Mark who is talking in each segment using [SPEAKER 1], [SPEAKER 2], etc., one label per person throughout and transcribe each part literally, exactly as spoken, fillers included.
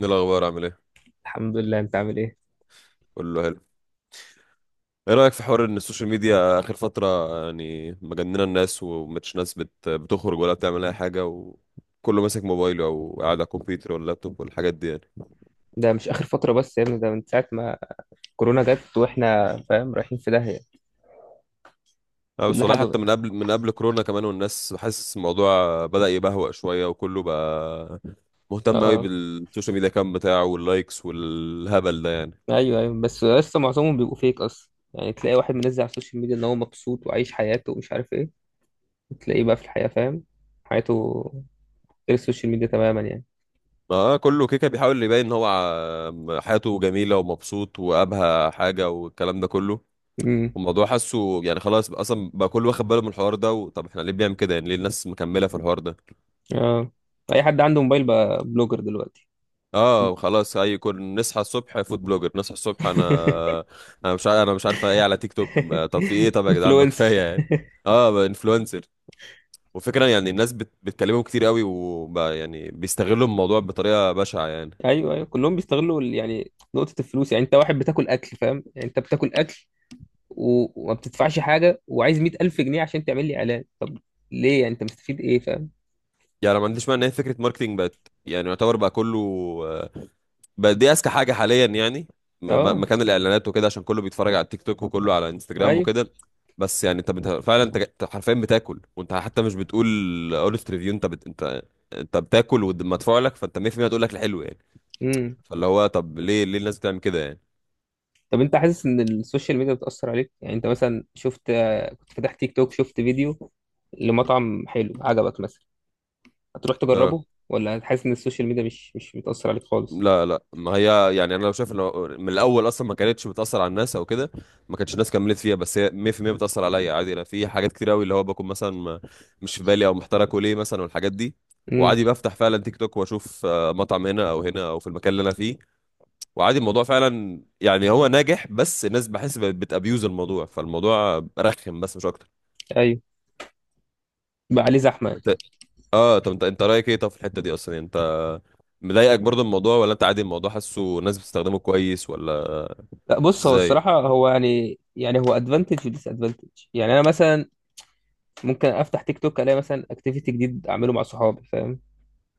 [SPEAKER 1] ايه الاخبار؟ عامل ايه؟
[SPEAKER 2] الحمد لله. انت عامل ايه؟
[SPEAKER 1] كله حلو. ايه رايك في حوار ان السوشيال ميديا اخر فتره؟ يعني مجننه الناس ومش ناس بت... بتخرج ولا بتعمل اي حاجه وكله ماسك موبايله او قاعد على الكمبيوتر ولا اللابتوب والحاجات دي يعني.
[SPEAKER 2] ده مش اخر فتره بس يا ابني، ده من ساعه ما كورونا جت واحنا فاهم رايحين في داهيه.
[SPEAKER 1] اه بس
[SPEAKER 2] كل
[SPEAKER 1] والله
[SPEAKER 2] حاجه
[SPEAKER 1] حتى
[SPEAKER 2] بقى.
[SPEAKER 1] من قبل من قبل كورونا كمان، والناس حاسس الموضوع بدأ يبهوأ شويه وكله بقى
[SPEAKER 2] اه،
[SPEAKER 1] مهتم قوي
[SPEAKER 2] آه.
[SPEAKER 1] بالسوشيال ميديا كام بتاعه واللايكس والهبل ده يعني.
[SPEAKER 2] ايوه، ايوه، بس لسه معظمهم بيبقوا فيك اصلا. يعني تلاقي واحد منزل على السوشيال ميديا ان هو مبسوط وعايش حياته ومش عارف ايه، تلاقيه بقى في الحياه، فاهم، حياته غير السوشيال ميديا تماما يعني.
[SPEAKER 1] اه كله كيكه بيحاول يبين ان هو ع- حياته جميله ومبسوط وابهى حاجه والكلام ده كله.
[SPEAKER 2] امم.
[SPEAKER 1] الموضوع حاسه يعني خلاص بقى اصلا بقى كله واخد باله من الحوار ده و- طب احنا ليه بنعمل كده؟ يعني ليه الناس مكمله في الحوار ده؟
[SPEAKER 2] اه، اي حد عنده موبايل بقى بلوجر دلوقتي.
[SPEAKER 1] اه خلاص اي كون نصحى الصبح فود بلوجر نصحى الصبح انا. انا مش عارف انا مش عارفه ايه على تيك توك ما- طب في ايه؟ طب يا جدعان ما
[SPEAKER 2] انفلونسر.
[SPEAKER 1] كفايه يعني. اه انفلونسر. وفكرة يعني الناس بت... بتكلمهم كتير قوي وبقى يعني بيستغلوا الموضوع بطريقه بشعه يعني.
[SPEAKER 2] ايوه، ايوه، كلهم بيستغلوا ال- يعني نقطه الفلوس. يعني انت واحد بتاكل اكل، فاهم، يعني انت بتاكل اكل و- وما بتدفعش حاجة وعايز مية ألف جنيه عشان تعمل لي إعلان. طب ليه؟ يعني أنت مستفيد إيه، فاهم.
[SPEAKER 1] يعني أنا ما عنديش مانع ان هي فكره ماركتينج بقت يعني يعتبر بقى كله آه، بقت دي اذكى حاجه حاليا يعني. م- ب-
[SPEAKER 2] أه،
[SPEAKER 1] مكان الاعلانات وكده عشان كله بيتفرج على التيك توك وكله على انستجرام
[SPEAKER 2] أيوه.
[SPEAKER 1] وكده. بس يعني انت بت- فعلا انت جا- أنت حرفيا بتاكل، وانت حتى مش بتقول اونست ريفيو. انت بت... انت انت بتاكل ومدفوع لك، فانت مية في المية هتقول لك الحلو يعني.
[SPEAKER 2] امم.
[SPEAKER 1] فاللي هو طب ليه ليه الناس بتعمل كده يعني؟
[SPEAKER 2] طب أنت حاسس إن السوشيال ميديا بتأثر عليك؟ يعني أنت مثلا شفت، كنت فاتح تيك توك شفت فيديو لمطعم حلو عجبك مثلا، هتروح
[SPEAKER 1] آه.
[SPEAKER 2] تجربه؟ ولا هتحس إن السوشيال ميديا مش مش بتأثر عليك خالص؟
[SPEAKER 1] لا لا، ما هي يعني انا لو شايف انه من الاول اصلا ما كانتش بتاثر على الناس او كده ما كانتش الناس كملت فيها، بس هي مية في المية بتاثر عليا عادي. انا في حاجات كتير قوي اللي هو بكون مثلا ما- مش في بالي او محتار اكل ايه مثلا والحاجات دي،
[SPEAKER 2] امم،
[SPEAKER 1] وعادي بفتح فعلا تيك توك واشوف آه، مطعم هنا او هنا او في المكان اللي انا فيه، وعادي الموضوع فعلا يعني هو ناجح. بس الناس بحس بتابيوز الموضوع، فالموضوع رخم بس مش اكتر.
[SPEAKER 2] أيوه. بقى عليه زحمة يعني.
[SPEAKER 1] اه طب انت انت رايك ايه طب في الحته دي اصلا؟ يعني انت مضايقك برضه الموضوع ولا انت عادي الموضوع حاسه الناس بتستخدمه كويس ولا؟
[SPEAKER 2] لا، بص، هو
[SPEAKER 1] ازاي؟
[SPEAKER 2] الصراحة هو يعني يعني هو ادفانتج وديس ادفانتج. يعني انا مثلا ممكن افتح تيك توك، الاقي مثلا اكتيفيتي جديد اعمله مع صحابي، فاهم.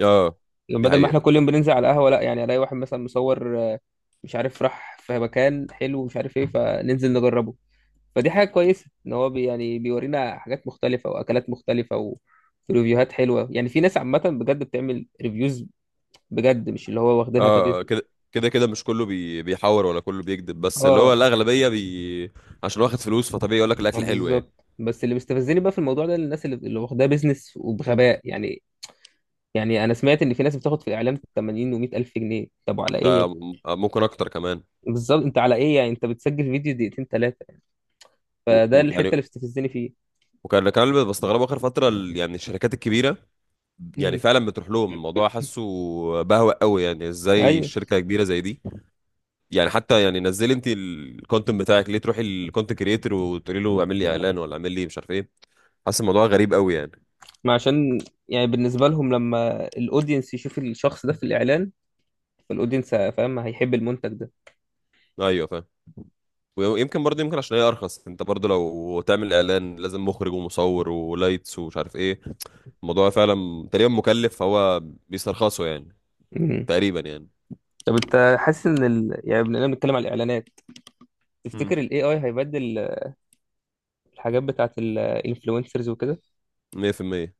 [SPEAKER 1] اه دي
[SPEAKER 2] بدل ما
[SPEAKER 1] حقيقه.
[SPEAKER 2] احنا كل يوم بننزل على القهوة، لا يعني الاقي واحد مثلا مصور، آه، مش عارف راح في مكان حلو ومش عارف ايه، فننزل نجربه. فدي حاجة كويسة ان هو بي يعني بيورينا حاجات مختلفة واكلات مختلفة و- وريفيوهات حلوة. يعني في ناس عامة بجد بتعمل ريفيوز بجد، مش اللي هو
[SPEAKER 1] اه
[SPEAKER 2] واخدينها
[SPEAKER 1] آه،
[SPEAKER 2] كبزنس.
[SPEAKER 1] كده كده كده مش كله بي... بيحور ولا كله بيكذب، بس اللي هو
[SPEAKER 2] اه،
[SPEAKER 1] الاغلبيه بي... عشان واخد فلوس فطبيعي يقول لك
[SPEAKER 2] آه،
[SPEAKER 1] الاكل حلو يعني.
[SPEAKER 2] بالظبط. بس اللي مستفزني بقى في الموضوع ده الناس اللي, اللي واخداه بزنس وبغباء يعني. يعني انا سمعت ان في ناس بتاخد في الاعلام ثمانين و100 الف جنيه. طب على ايه يا
[SPEAKER 1] ده
[SPEAKER 2] ابني؟
[SPEAKER 1] م- ممكن اكتر كمان.
[SPEAKER 2] بالظبط، انت على ايه؟ يعني انت بتسجل فيديو دقيقتين ثلاثة،
[SPEAKER 1] و...
[SPEAKER 2] فده
[SPEAKER 1] و...
[SPEAKER 2] الحته
[SPEAKER 1] يعني
[SPEAKER 2] اللي بتستفزني فيه.
[SPEAKER 1] وكان كان اللي بستغربه اخر فتره ال- يعني الشركات الكبيره يعني
[SPEAKER 2] امم،
[SPEAKER 1] فعلا بتروح لهم. الموضوع حاسه بهوأ قوي يعني. ازاي
[SPEAKER 2] ايوه.
[SPEAKER 1] شركه كبيره زي دي يعني حتى يعني نزلي انت الكونتنت بتاعك، ليه تروحي الكونتنت كريتور وتقولي له اعمل لي اعلان ولا اعمل لي مش عارف ايه؟ حاسس الموضوع غريب قوي يعني.
[SPEAKER 2] ما عشان يعني بالنسبه لهم، لما الاودينس يشوف الشخص ده في الاعلان، فالاودينس فاهم هيحب المنتج ده.
[SPEAKER 1] ايوه فاهم. ويمكن برضه يمكن عشان هي ارخص. انت برضه لو تعمل اعلان لازم مخرج ومصور ولايتس ومش عارف ايه، الموضوع فعلا تقريبا مكلف فهو بيسترخصه يعني،
[SPEAKER 2] مم.
[SPEAKER 1] تقريبا يعني.
[SPEAKER 2] طب انت حاسس ان ال... يعني بما اننا بنتكلم على الاعلانات،
[SPEAKER 1] امم.
[SPEAKER 2] تفتكر الاي اي هيبدل الحاجات بتاعت الانفلونسرز وكده؟
[SPEAKER 1] مية في المية.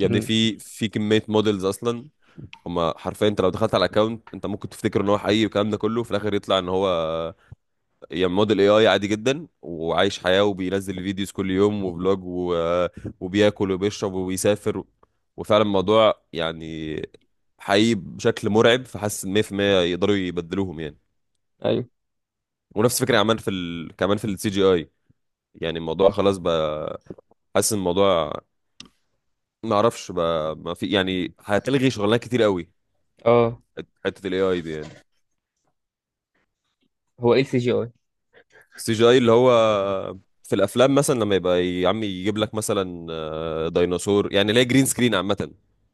[SPEAKER 1] يا ابني
[SPEAKER 2] امم،
[SPEAKER 1] في في كمية موديلز اصلا. هما حرفيا، انت لو دخلت على الاكونت انت ممكن تفتكر ان هو حقيقي والكلام ده كله، في الاخر يطلع ان هو يعني موديل اي اي عادي جدا، وعايش حياة وبينزل فيديوز كل يوم وفلوج و... آه، وبياكل وبيشرب وبيسافر، وفعلا الموضوع يعني حقيقي بشكل مرعب، فحاسس إن مية في المية يقدروا يبدلوهم يعني.
[SPEAKER 2] ايوه،
[SPEAKER 1] ونفس الفكرة عمال في ال... كمان في السي جي اي، يعني الموضوع خلاص بقى. حاسس إن الموضوع ما اعرفش بقى، ما في يعني، هتلغي شغلانات كتير قوي
[SPEAKER 2] اه.
[SPEAKER 1] حتة الاي اي دي يعني.
[SPEAKER 2] هو ايه السي جي اي؟
[SPEAKER 1] السي جي اي اللي هو في الافلام مثلا لما يبقى يا عم يجيب لك مثلا آه، ديناصور يعني، اللي هي جرين سكرين عامه.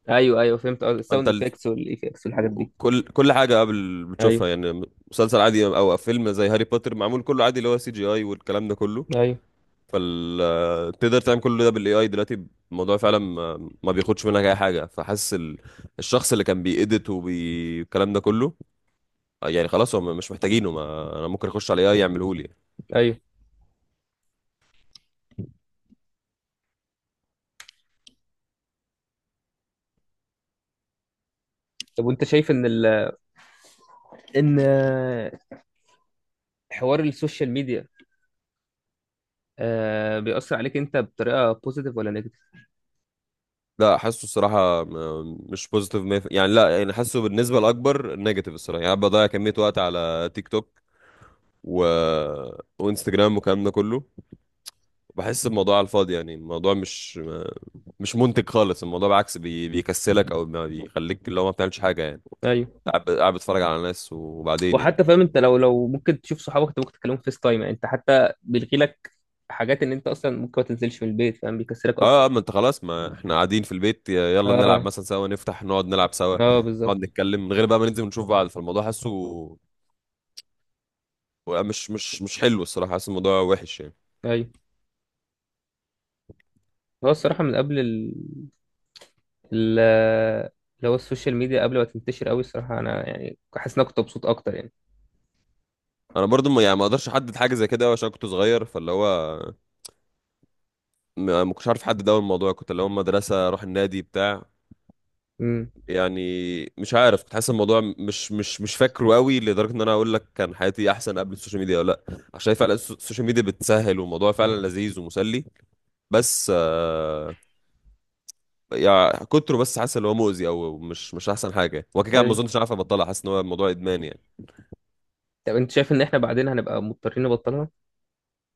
[SPEAKER 2] ايوه، ايوه، فهمت. اه،
[SPEAKER 1] انت
[SPEAKER 2] الساوند
[SPEAKER 1] ال...
[SPEAKER 2] افكتس والايفكتس والحاجات
[SPEAKER 1] و-
[SPEAKER 2] دي.
[SPEAKER 1] كل كل حاجه قبل بتشوفها
[SPEAKER 2] ايوه،
[SPEAKER 1] يعني، مسلسل عادي او فيلم زي هاري بوتر معمول كله عادي اللي هو سي جي اي والكلام ده كله.
[SPEAKER 2] ايوه،
[SPEAKER 1] فال آه، تقدر تعمل كل ده بالاي اي دلوقتي. الموضوع فعلا ما ما بياخدش منك اي حاجه، فحاسس ال... الشخص اللي كان بيأديت والكلام ده كله آه، يعني خلاص هم مش محتاجينه. ما... انا ممكن اخش على اي اي يعمله لي.
[SPEAKER 2] ايوه. طب وانت شايف ان ال... ان حوار السوشيال ميديا آه بيأثر عليك انت بطريقه بوزيتيف ولا نيجاتيف؟
[SPEAKER 1] لا، حاسه الصراحه م- مش بوزيتيف مية في المية يعني. لا يعني، حاسه بالنسبه الاكبر نيجاتيف الصراحه يعني. أنا بضيع كميه وقت على تيك توك و... وانستجرام والكلام ده كله. بحس الموضوع على الفاضي يعني الموضوع مش ما- مش منتج خالص. الموضوع بالعكس بي... بيكسلك او ما بيخليك اللي هو ما بتعملش حاجه يعني.
[SPEAKER 2] ايوه.
[SPEAKER 1] قاعد قاعد بتتفرج على ناس وبعدين يعني.
[SPEAKER 2] وحتى فاهم، انت لو لو ممكن تشوف صحابك، انت ممكن تكلمهم فيس تايم. يعني انت حتى بيلغي لك حاجات ان انت اصلا ممكن ما تنزلش من البيت، فاهم، بيكسلك
[SPEAKER 1] اه آه،
[SPEAKER 2] اكتر.
[SPEAKER 1] ما انت خلاص، ما احنا قاعدين في البيت، ي- يلا نلعب
[SPEAKER 2] اه،
[SPEAKER 1] مثلا سوا، نفتح نقعد نلعب سوا،
[SPEAKER 2] اه،
[SPEAKER 1] نقعد
[SPEAKER 2] بالظبط.
[SPEAKER 1] نتكلم من غير بقى ما ننزل ونشوف بعض. فالموضوع حاسه و- مش مش مش حلو الصراحه. حاسس الموضوع وحش يعني.
[SPEAKER 2] ايوه، هو الصراحه من قبل ال ال اللي هو السوشيال ميديا، قبل ما تنتشر قوي، الصراحه انا يعني حاسس ان انا كنت مبسوط اكتر يعني.
[SPEAKER 1] انا برضو ما يعني ما اقدرش احدد حاجه زي كده أوي عشان كنت صغير، فاللي هو ما ما كنتش عارف احدد. اول الموضوع كنت اللي هو مدرسه اروح النادي بتاع
[SPEAKER 2] امم،
[SPEAKER 1] يعني. مش عارف، كنت حاسس الموضوع مش مش مش فاكره قوي لدرجه ان انا اقول لك كان حياتي احسن قبل السوشيال ميديا ولا لا، عشان فعلا الس- السوشيال ميديا بتسهل والموضوع فعلا لذيذ ومسلي. بس آه يعني كتره، بس حاسس ان هو مؤذي او مش مش احسن حاجه. وكده كده ما
[SPEAKER 2] ايوه.
[SPEAKER 1] اظنش عارف ابطلها، حاسس ان هو الموضوع ادمان يعني.
[SPEAKER 2] طب انت شايف ان احنا بعدين هنبقى مضطرين نبطلها؟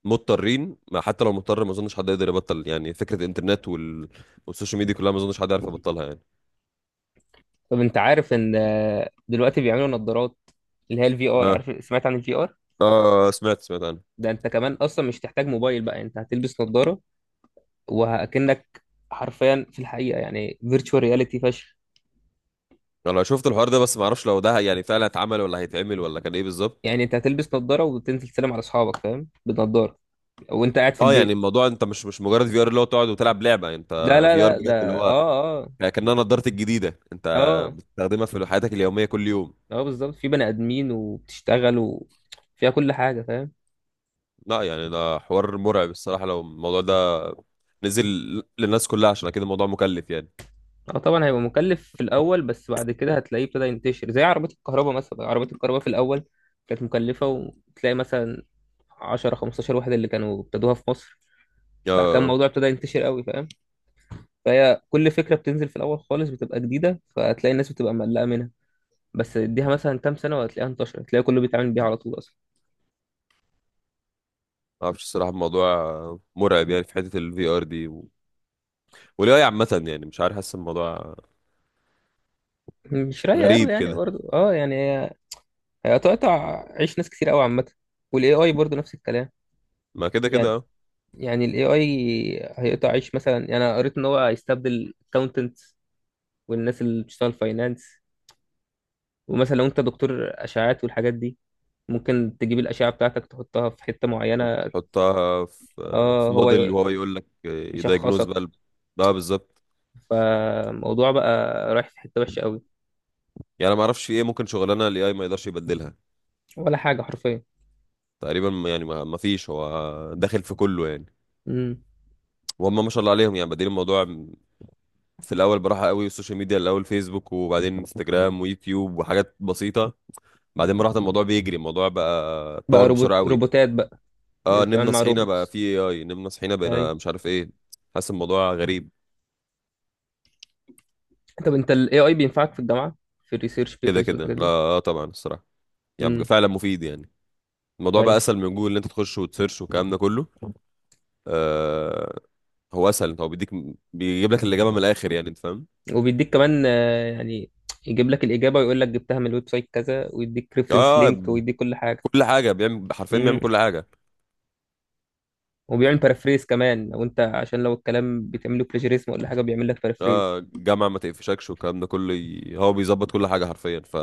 [SPEAKER 1] مضطرين؟ ما حتى لو مضطر ما اظنش حد يقدر يبطل يعني فكره الانترنت وال... والسوشيال ميديا كلها. ما اظنش حد يعرف يبطلها يعني.
[SPEAKER 2] طب انت عارف ان آه، دلوقتي بيعملوا نظارات اللي هي الفي ار،
[SPEAKER 1] اه.
[SPEAKER 2] عارف، سمعت عن الفي ار؟
[SPEAKER 1] اه، سمعت سمعت عنها.
[SPEAKER 2] ده انت كمان اصلا مش تحتاج موبايل بقى، انت هتلبس نظارة وهكنك حرفيا في الحقيقة، يعني فيرتشوال رياليتي فشخ.
[SPEAKER 1] انا شفت الحوار ده بس ما اعرفش لو ده يعني فعلا اتعمل ولا هيتعمل ولا كان ايه بالظبط.
[SPEAKER 2] يعني انت هتلبس نظارة وتنزل تسلم على اصحابك، فاهم، بنضارة وانت قاعد في
[SPEAKER 1] اه يعني
[SPEAKER 2] البيت.
[SPEAKER 1] الموضوع انت مش مش مجرد في ار اللي هو تقعد وتلعب لعبه يعني، انت
[SPEAKER 2] لا، لا،
[SPEAKER 1] في ار
[SPEAKER 2] لا،
[SPEAKER 1] بجد اللي
[SPEAKER 2] ده
[SPEAKER 1] هو
[SPEAKER 2] اه، اه.
[SPEAKER 1] كأنها نضارتك الجديدة انت
[SPEAKER 2] اه،
[SPEAKER 1] بتستخدمها في حياتك اليومية كل يوم.
[SPEAKER 2] اه، بالظبط. في بني ادمين وبتشتغل وفيها كل حاجة، فاهم.
[SPEAKER 1] لا يعني ده حوار مرعب الصراحة، لو الموضوع ده نزل للناس كلها، عشان كده الموضوع مكلف يعني.
[SPEAKER 2] اه، طبعا هيبقى مكلف في الاول، بس بعد كده هتلاقيه ابتدى ينتشر زي عربية الكهرباء مثلا. عربية الكهرباء في الاول كانت مكلفة وتلاقي مثلا عشرة خمستاشر واحد اللي كانوا ابتدوها في مصر.
[SPEAKER 1] اه
[SPEAKER 2] بعد كده
[SPEAKER 1] آه،
[SPEAKER 2] الموضوع ابتدى ينتشر قوي، فاهم. فهي كل فكره بتنزل في الاول خالص بتبقى جديده، فهتلاقي الناس بتبقى مقلقه منها. بس اديها مثلا كام سنه وهتلاقيها انتشرت، هتلاقي كله بيتعامل بيها على طول اصلا.
[SPEAKER 1] ما اعرفش الصراحة، الموضوع مرعب يعني في حتة الفي ار دي و... والاي عامة. يعني مش عارف، حاسس الموضوع
[SPEAKER 2] مش رايقه قوي
[SPEAKER 1] غريب
[SPEAKER 2] يعني
[SPEAKER 1] كده.
[SPEAKER 2] برضه. اه يعني هي هي هتقطع عيش ناس كتير قوي عامه. والاي اي برضه نفس الكلام.
[SPEAKER 1] ما كده كده
[SPEAKER 2] يعني
[SPEAKER 1] اه.
[SPEAKER 2] يعني الاي اي هيقطع عيش مثلا. يعني انا قريت ان هو هيستبدل الكاونتنت والناس اللي بتشتغل فاينانس. ومثلا لو انت دكتور اشعاعات والحاجات دي، ممكن تجيب الاشعه بتاعتك تحطها في حته معينه.
[SPEAKER 1] وبتحطها في
[SPEAKER 2] اه،
[SPEAKER 1] في
[SPEAKER 2] هو
[SPEAKER 1] موديل وهو يقول لك يدايجنوز بقى
[SPEAKER 2] يشخصك.
[SPEAKER 1] ال- اه بالظبط.
[SPEAKER 2] فالموضوع بقى رايح في حتة وحشة قوي.
[SPEAKER 1] يعني انا ما اعرفش في ايه ممكن شغلانه الاي اي ما يقدرش يبدلها.
[SPEAKER 2] ولا حاجة حرفيا.
[SPEAKER 1] تقريبا ما- يعني ما ما فيش، هو داخل في كله يعني.
[SPEAKER 2] امم.
[SPEAKER 1] وهم ما شاء الله عليهم يعني بادئين الموضوع في الاول براحه قوي: السوشيال ميديا الاول فيسبوك وبعدين انستجرام ويوتيوب وحاجات بسيطه. بعدين براحه الموضوع بيجري، الموضوع بقى
[SPEAKER 2] بقى
[SPEAKER 1] اتطور بسرعه
[SPEAKER 2] روبوت
[SPEAKER 1] قوي.
[SPEAKER 2] روبوتات بقى.
[SPEAKER 1] اه
[SPEAKER 2] بتتعامل
[SPEAKER 1] نمنا
[SPEAKER 2] مع
[SPEAKER 1] صحينا بقى
[SPEAKER 2] روبوتس.
[SPEAKER 1] في اي اي، نمنا صحينا بقينا
[SPEAKER 2] ايوه،
[SPEAKER 1] مش عارف ايه. حاسس الموضوع غريب.
[SPEAKER 2] طب انت ال اي اي بينفعك في الجامعة، في الريسيرش
[SPEAKER 1] كده
[SPEAKER 2] بيبرز
[SPEAKER 1] كده
[SPEAKER 2] والحاجات
[SPEAKER 1] لا
[SPEAKER 2] دي؟
[SPEAKER 1] آه طبعا الصراحه، يعني بقى
[SPEAKER 2] امم،
[SPEAKER 1] فعلا مفيد يعني. الموضوع بقى
[SPEAKER 2] ايوه.
[SPEAKER 1] اسهل من جوجل ان انت تخش وتسيرش والكلام ده كله. آه، هو اسهل، هو بيديك، بيجيب لك الاجابه من الاخر يعني، انت فاهم.
[SPEAKER 2] وبيديك كمان، آه، يعني يجيب لك الإجابة ويقول لك جبتها من الويب سايت كذا، ويديك ريفرنس
[SPEAKER 1] اه
[SPEAKER 2] لينك ويديك كل حاجة.
[SPEAKER 1] كل حاجه بيعمل، حرفيا
[SPEAKER 2] امم.
[SPEAKER 1] بيعمل كل حاجه.
[SPEAKER 2] وبيعمل بارافريز كمان لو انت عشان لو الكلام بتعمله بلاجيريزم ولا حاجة، بيعمل لك بارافريز.
[SPEAKER 1] اه جامعه ما تقفشكش والكلام ده كله، ي- هو بيظبط كل حاجه حرفيا، ف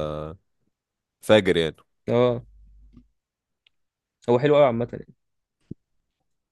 [SPEAKER 1] فاجر يعني.
[SPEAKER 2] اه، هو حلو قوي عامة.